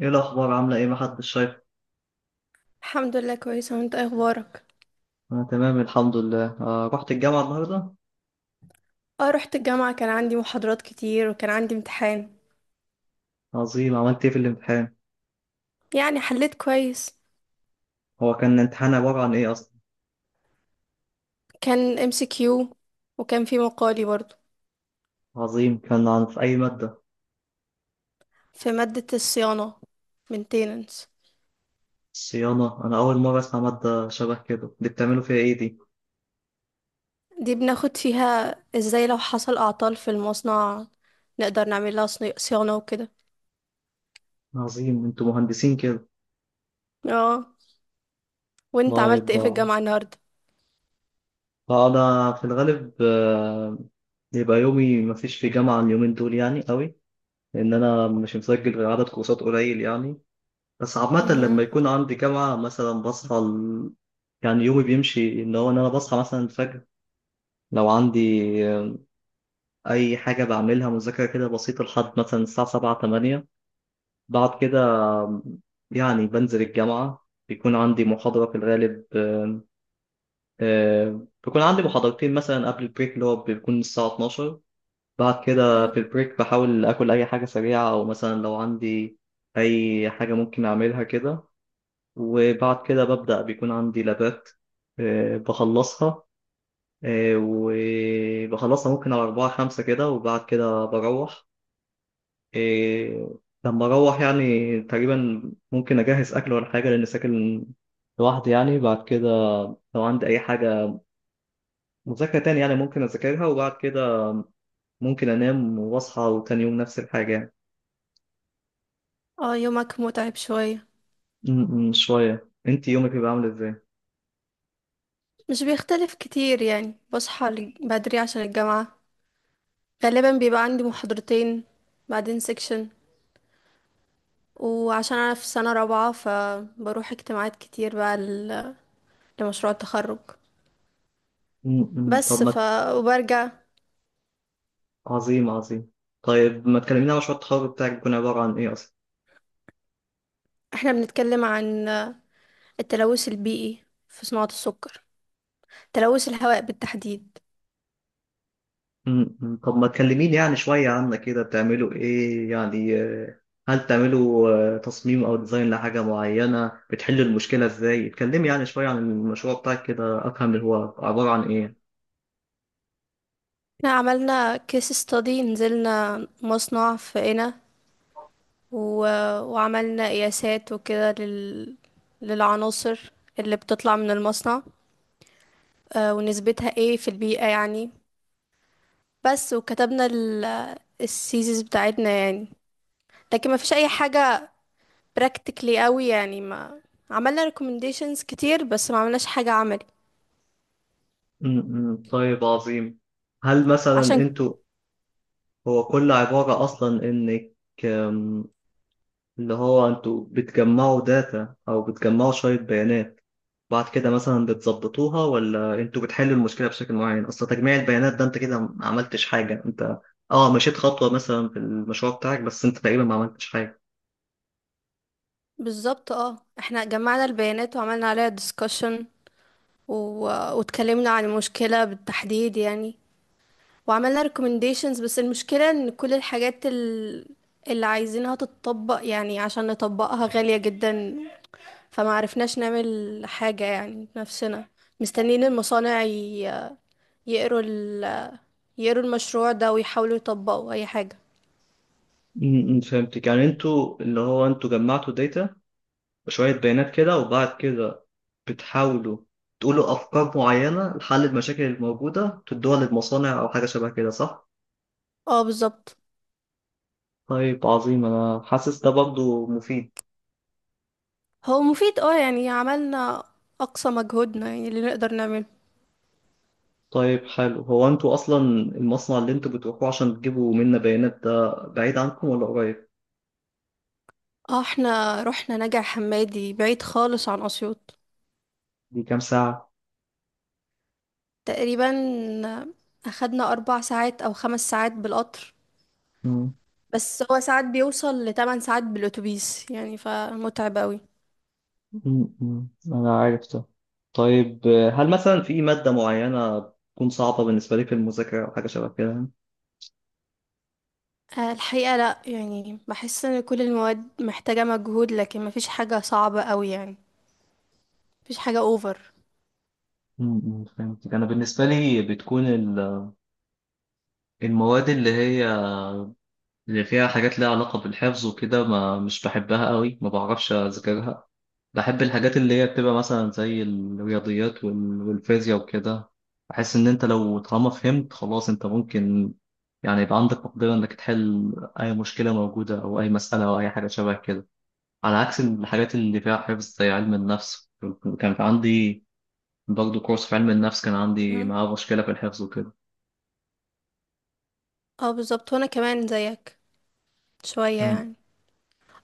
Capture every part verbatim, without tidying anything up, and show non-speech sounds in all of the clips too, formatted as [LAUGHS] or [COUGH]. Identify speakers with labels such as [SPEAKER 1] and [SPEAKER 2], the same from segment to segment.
[SPEAKER 1] ايه الاخبار؟ عامله ايه؟ محدش شايف.
[SPEAKER 2] الحمد لله، كويسة. وانت ايه اخبارك؟
[SPEAKER 1] انا تمام الحمد لله. آه رحت الجامعه النهارده.
[SPEAKER 2] اه، رحت الجامعة، كان عندي محاضرات كتير وكان عندي امتحان.
[SPEAKER 1] عظيم. عملت ايه في الامتحان؟
[SPEAKER 2] يعني حليت كويس.
[SPEAKER 1] هو كان الامتحان عباره عن ايه اصلا؟
[SPEAKER 2] كان ام سي كيو، وكان في مقالي برضو.
[SPEAKER 1] عظيم. كان عن في اي ماده؟
[SPEAKER 2] في مادة الصيانة، maintenance.
[SPEAKER 1] صيانه. انا اول مره اسمع ماده شبه كده دي. بتعملوا فيها ايه دي؟
[SPEAKER 2] دي بناخد فيها ازاي لو حصل اعطال في المصنع نقدر نعمل لها صني- صيانة وكده.
[SPEAKER 1] عظيم. انتوا مهندسين كده.
[SPEAKER 2] اه. وانت
[SPEAKER 1] الله
[SPEAKER 2] عملت ايه في
[SPEAKER 1] يبقى.
[SPEAKER 2] الجامعة النهاردة؟
[SPEAKER 1] انا في الغالب، آه، يبقى يومي، مفيش في جامعه اليومين دول يعني قوي، لان انا مش مسجل غير عدد كورسات قليل يعني. بس عامة
[SPEAKER 2] مهم.
[SPEAKER 1] لما يكون عندي جامعة مثلا بصحى ال... يعني يومي بيمشي ان هو ان انا بصحى مثلا الفجر، لو عندي آه، اي حاجة بعملها مذاكرة كده بسيطة لحد مثلا الساعة سبعة تمانية. بعد كده، آه، يعني بنزل الجامعة، بيكون عندي محاضرة في الغالب. آه، آه، بيكون عندي محاضرتين مثلا قبل البريك اللي هو بيكون الساعة اتناشر. بعد كده
[SPEAKER 2] مهم.
[SPEAKER 1] في البريك بحاول آكل أي حاجة سريعة، أو مثلا لو عندي أي حاجة ممكن أعملها كده. وبعد كده ببدأ، بيكون عندي لابات. آه، بخلصها. آه، وبخلصها ممكن على أربعة خمسة كده، وبعد كده بروح. آه، لما أروح يعني تقريبا، ممكن أجهز أكل ولا حاجة، لأن ساكن لوحدي يعني. بعد كده لو عندي أي حاجة مذاكرة تاني، يعني ممكن أذاكرها، وبعد كده ممكن أنام وأصحى وتاني يوم نفس الحاجة يعني.
[SPEAKER 2] اه، يومك متعب شوية.
[SPEAKER 1] م- م، شوية. أنت يومك بيبقى عامل إزاي؟
[SPEAKER 2] مش بيختلف كتير يعني، بصحى بدري عشان الجامعة، غالبا بيبقى عندي محاضرتين بعدين سيكشن. وعشان انا في سنة رابعة فبروح اجتماعات كتير بقى ل- لمشروع التخرج.
[SPEAKER 1] م- م، طب
[SPEAKER 2] بس ف
[SPEAKER 1] ما.
[SPEAKER 2] وبرجع.
[SPEAKER 1] عظيم، عظيم. طيب ما تكلمينا عن مشروع التخرج بتاعك. بيكون عبارة عن إيه أصلا؟
[SPEAKER 2] احنا بنتكلم عن التلوث البيئي في صناعة السكر، تلوث الهواء بالتحديد.
[SPEAKER 1] م- م. طب ما تكلميني يعني شوية عنك كده. بتعملوا إيه يعني؟ آه، هل بتعملوا آه، تصميم أو ديزاين لحاجة معينة؟ بتحلوا المشكلة إزاي؟ اتكلمي يعني شوية عن المشروع بتاعك كده أفهم اللي هو عبارة عن إيه.
[SPEAKER 2] احنا عملنا كيس ستادي، نزلنا مصنع في قنا، و... وعملنا قياسات وكده لل... للعناصر اللي بتطلع من المصنع، آه، ونسبتها ايه في البيئة يعني. بس، وكتبنا ال السيزيز بتاعتنا يعني. لكن ما فيش اي حاجة practically قوي يعني. ما عملنا recommendations كتير بس ما عملناش حاجة عملي.
[SPEAKER 1] م- م. طيب، عظيم. هل مثلا
[SPEAKER 2] عشان
[SPEAKER 1] أنتوا هو كل عبارة أصلا إنك، آم، اللي هو أنتوا بتجمعوا داتا أو بتجمعوا شوية بيانات، بعد كده مثلا بتظبطوها، ولا انتوا بتحلوا المشكله بشكل معين؟ اصل تجميع البيانات ده انت كده ما عملتش حاجه انت. اه، مشيت خطوه مثلا في المشروع بتاعك، بس انت تقريبا ما عملتش حاجه.
[SPEAKER 2] بالظبط. اه، احنا جمعنا البيانات وعملنا عليها discussion، و... واتكلمنا عن المشكلة بالتحديد يعني. وعملنا recommendations، بس المشكلة ان كل الحاجات ال... اللي عايزينها تتطبق يعني، عشان نطبقها غالية جدا. فما عرفناش نعمل حاجة يعني بنفسنا. مستنيين المصانع ي- يقروا ال... يقروا المشروع ده ويحاولوا يطبقوا أي حاجة.
[SPEAKER 1] امم فهمتك. يعني انتوا اللي هو انتوا جمعتوا داتا وشويه بيانات كده، وبعد كده بتحاولوا تقولوا افكار معينه لحل المشاكل الموجوده، تدوها للمصانع او حاجه شبه كده، صح؟
[SPEAKER 2] اه، بالظبط.
[SPEAKER 1] طيب، عظيم. انا حاسس ده برضه مفيد.
[SPEAKER 2] هو مفيد، اه يعني عملنا أقصى مجهودنا يعني اللي نقدر نعمله.
[SPEAKER 1] طيب، حلو. هو انتوا اصلا المصنع اللي انتوا بتروحوه عشان تجيبوا منا بيانات ده بعيد عنكم ولا قريب؟
[SPEAKER 2] اه، احنا رحنا نجع حمادي، بعيد خالص عن أسيوط.
[SPEAKER 1] دي كام ساعة؟
[SPEAKER 2] تقريبا أخدنا أربع ساعات أو خمس ساعات بالقطر.
[SPEAKER 1] مم.
[SPEAKER 2] بس هو ساعات بيوصل لتمن ساعات بالأتوبيس يعني، فمتعب أوي.
[SPEAKER 1] مم. مم. انا عارف ده. طيب، آه، هل مثلا في مادة معينة تكون صعبة بالنسبة لي في المذاكرة أو حاجة شبه كده؟
[SPEAKER 2] آه، الحقيقة لا يعني، بحس ان كل المواد محتاجة مجهود، لكن مفيش حاجة صعبة قوي يعني. مفيش حاجة اوفر.
[SPEAKER 1] مم. مم. فهمتك. أنا بالنسبة لي بتكون ال- المواد اللي هي اللي فيها حاجات ليها علاقة بالحفظ وكده، ما مش بحبها قوي، ما بعرفش أذاكرها. بحب الحاجات اللي هي بتبقى مثلا زي الرياضيات وال- والفيزياء وكده. بحس ان انت لو طالما فهمت خلاص انت ممكن، يعني يبقى عندك مقدرة انك تحل اي مشكلة موجودة او اي مسألة او اي حاجة شبه كده، على عكس الحاجات اللي فيها حفظ زي علم النفس. كان في عندي برضه كورس في علم النفس، كان عندي
[SPEAKER 2] مهم.
[SPEAKER 1] معاه مشكلة في الحفظ وكده.
[SPEAKER 2] اه، بالظبط. وانا كمان زيك شوية
[SPEAKER 1] مم.
[SPEAKER 2] يعني.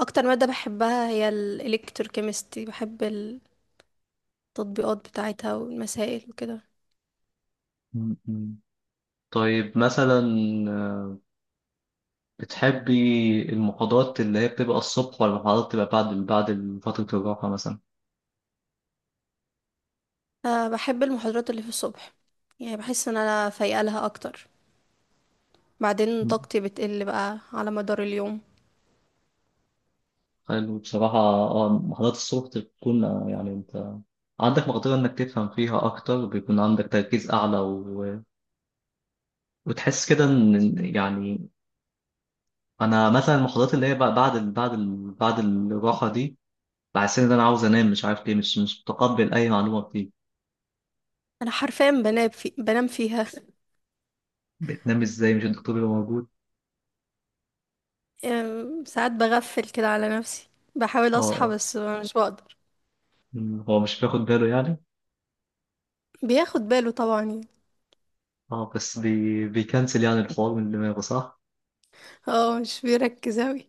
[SPEAKER 2] اكتر مادة بحبها هي الالكتروكيمستري، بحب التطبيقات بتاعتها والمسائل وكده.
[SPEAKER 1] مم. مم. طيب، مثلا بتحبي المحاضرات اللي هي بتبقى الصبح ولا المحاضرات بتبقى بعد بعد فترة الراحة مثلا؟
[SPEAKER 2] أه، بحب المحاضرات اللي في الصبح. يعني بحس ان انا فايقة لها اكتر، بعدين طاقتي بتقل بقى على مدار اليوم.
[SPEAKER 1] حلو، بصراحة. اه، محاضرات الصبح بتكون، آه، يعني انت عندك مقدرة انك تفهم فيها اكتر، بيكون عندك تركيز اعلى، و... وتحس كده ان يعني انا مثلا المحاضرات اللي هي بقى بعد ال... بعد ال... بعد الراحة دي، بحس ان انا عاوز انام، مش عارف ليه، مش مش متقبل اي معلومة بتيجي.
[SPEAKER 2] انا حرفيا بنام في بنام فيها [LAUGHS]
[SPEAKER 1] بتنام ازاي؟ مش الدكتور اللي موجود؟
[SPEAKER 2] أم، ساعات بغفل كده على نفسي، بحاول
[SPEAKER 1] اه.
[SPEAKER 2] اصحى
[SPEAKER 1] آه.
[SPEAKER 2] بس مش بقدر.
[SPEAKER 1] مم، هو مش بياخد باله يعني؟
[SPEAKER 2] بياخد باله طبعا يعني.
[SPEAKER 1] اه، بس بي... بيكنسل يعني الحوار من دماغه، صح؟
[SPEAKER 2] اه، مش بيركز اوي.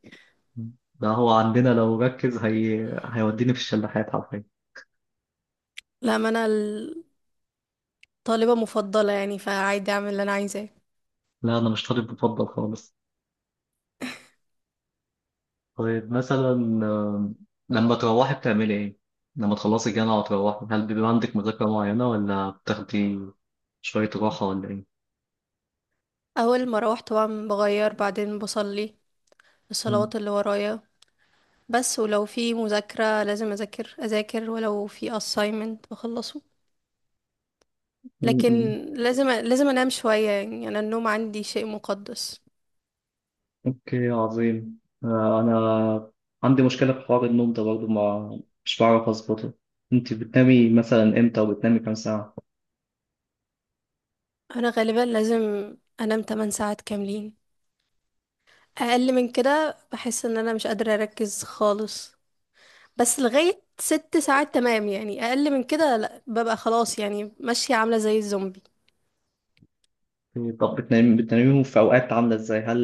[SPEAKER 1] مم. ده هو عندنا لو ركز هي... هيوديني في الشلاحات حرفيا.
[SPEAKER 2] لا، ما انا الطالبة مفضلة يعني، فعادي اعمل اللي انا عايزاه.
[SPEAKER 1] لا، انا مش طالب مفضل خالص. طيب، مثلا آم، لما تروحي بتعملي ايه؟ لما تخلصي الجامعه وتروحي، هل بيبقى عندك مذاكره معينه، ولا بتاخدي شويه راحه، ولا ايه؟
[SPEAKER 2] اول ما اروح طبعا بغير، بعدين بصلي
[SPEAKER 1] مم.
[SPEAKER 2] الصلوات اللي ورايا. بس ولو في مذاكرة لازم اذاكر اذاكر، ولو في assignment بخلصه.
[SPEAKER 1] مم.
[SPEAKER 2] لكن
[SPEAKER 1] مم.
[SPEAKER 2] لازم لازم انام شوية يعني، انا النوم عندي شيء مقدس.
[SPEAKER 1] اوكي، عظيم. آه، انا عندي مشكله في حوار النوم ده برضه، ما مش بعرف اظبطه. انت بتنامي مثلا امتى؟ وبتنامي كام ساعه؟
[SPEAKER 2] انا غالبا لازم انام ثمان ساعات كاملين، اقل من كده بحس ان انا مش قادرة اركز خالص. بس لغاية ست ساعات تمام يعني، اقل من كده لا، ببقى خلاص يعني ماشية عاملة زي الزومبي.
[SPEAKER 1] أوكي، طب بتنامي بتناميهم في اوقات عامله ازاي؟ هل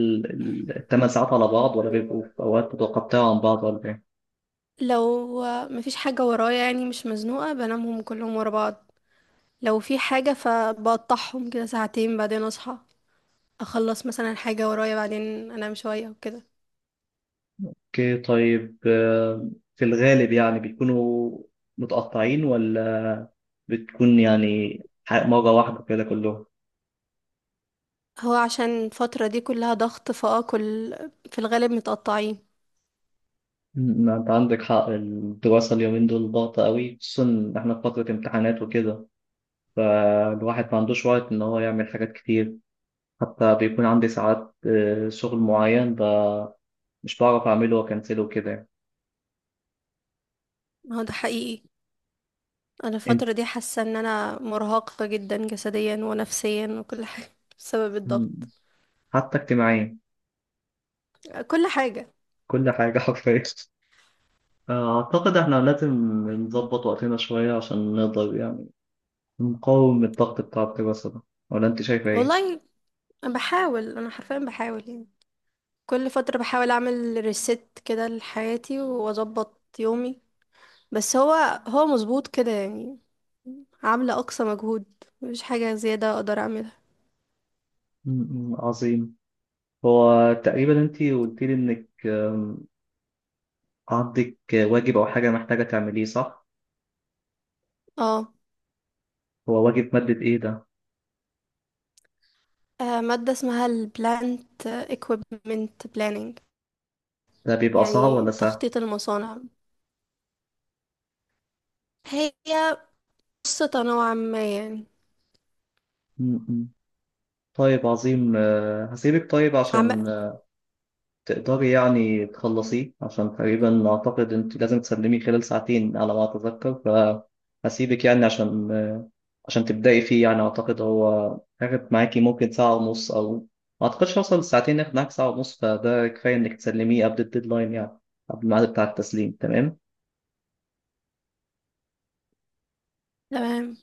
[SPEAKER 1] الثمان ساعات على بعض، ولا بيبقوا في اوقات متقطعه عن بعض، ولا إيه؟
[SPEAKER 2] لو مفيش حاجة ورايا يعني مش مزنوقة، بنامهم كلهم ورا بعض. لو في حاجة فبقطعهم كده ساعتين، بعدين اصحى اخلص مثلا حاجة ورايا، بعدين انام شوية وكده.
[SPEAKER 1] اوكي، طيب. آه، في الغالب يعني بيكونوا متقطعين، ولا بتكون يعني ح- مرة واحدة كده كلهم؟
[SPEAKER 2] هو عشان الفترة دي كلها ضغط، فاه كل في الغالب متقطعين.
[SPEAKER 1] م- انت عندك حق. الدراسة اليومين دول ضغطة قوي، خصوصا إن احنا في فترة امتحانات وكده، فالواحد ما عندوش وقت ان هو يعمل حاجات كتير. حتى بيكون عندي ساعات، آه، شغل معين ب- مش بعرف اعمله، واكنسله وكده يعني.
[SPEAKER 2] هو ده حقيقي، انا
[SPEAKER 1] انت
[SPEAKER 2] الفتره دي حاسه ان انا مرهقه جدا جسديا ونفسيا وكل حاجه [LAUGHS] بسبب الضغط.
[SPEAKER 1] م- حتى اجتماعيا.
[SPEAKER 2] كل حاجه.
[SPEAKER 1] كل حاجة [LAUGHS] حرفيا. آه، اعتقد احنا لازم نظبط وقتنا شوية عشان نقدر يعني مقاوم الضغط بتاع الدراسة ده، ولا أنت شايفة إيه؟
[SPEAKER 2] والله أنا بحاول انا حرفيا بحاول يعني كل فتره بحاول اعمل ريست كده لحياتي واظبط يومي. بس هو هو مظبوط كده يعني. عامله اقصى مجهود، مفيش حاجه زياده اقدر اعملها.
[SPEAKER 1] م- م، عظيم. هو تقريبا أنت قلت لي إنك، آم، عندك واجب أو حاجة محتاجة تعمليه، صح؟
[SPEAKER 2] اه.
[SPEAKER 1] هو واجب مادة إيه ده؟
[SPEAKER 2] آه، ماده اسمها البلانت اكويبمنت بلاننج.
[SPEAKER 1] ده بيبقى صعب
[SPEAKER 2] يعني
[SPEAKER 1] ولا سهل؟
[SPEAKER 2] تخطيط المصانع، هي قصة نوعا ما يعني.
[SPEAKER 1] م- م. طيب، عظيم. آه، هسيبك طيب عشان تقدري يعني تخلصيه، عشان تقريبا أعتقد أنت لازم تسلميه خلال ساعتين، على ما أتذكر. فهسيبك يعني عشان عشان تبدأي فيه يعني، أعتقد هو هياخد معاكي ممكن ساعة ونص، أو ما أعتقدش هيوصل لساعتين، ياخد معاك ساعة ونص، فده كفاية إنك تسلميه قبل الديدلاين يعني قبل الميعاد بتاع التسليم. تمام.
[SPEAKER 2] تمام.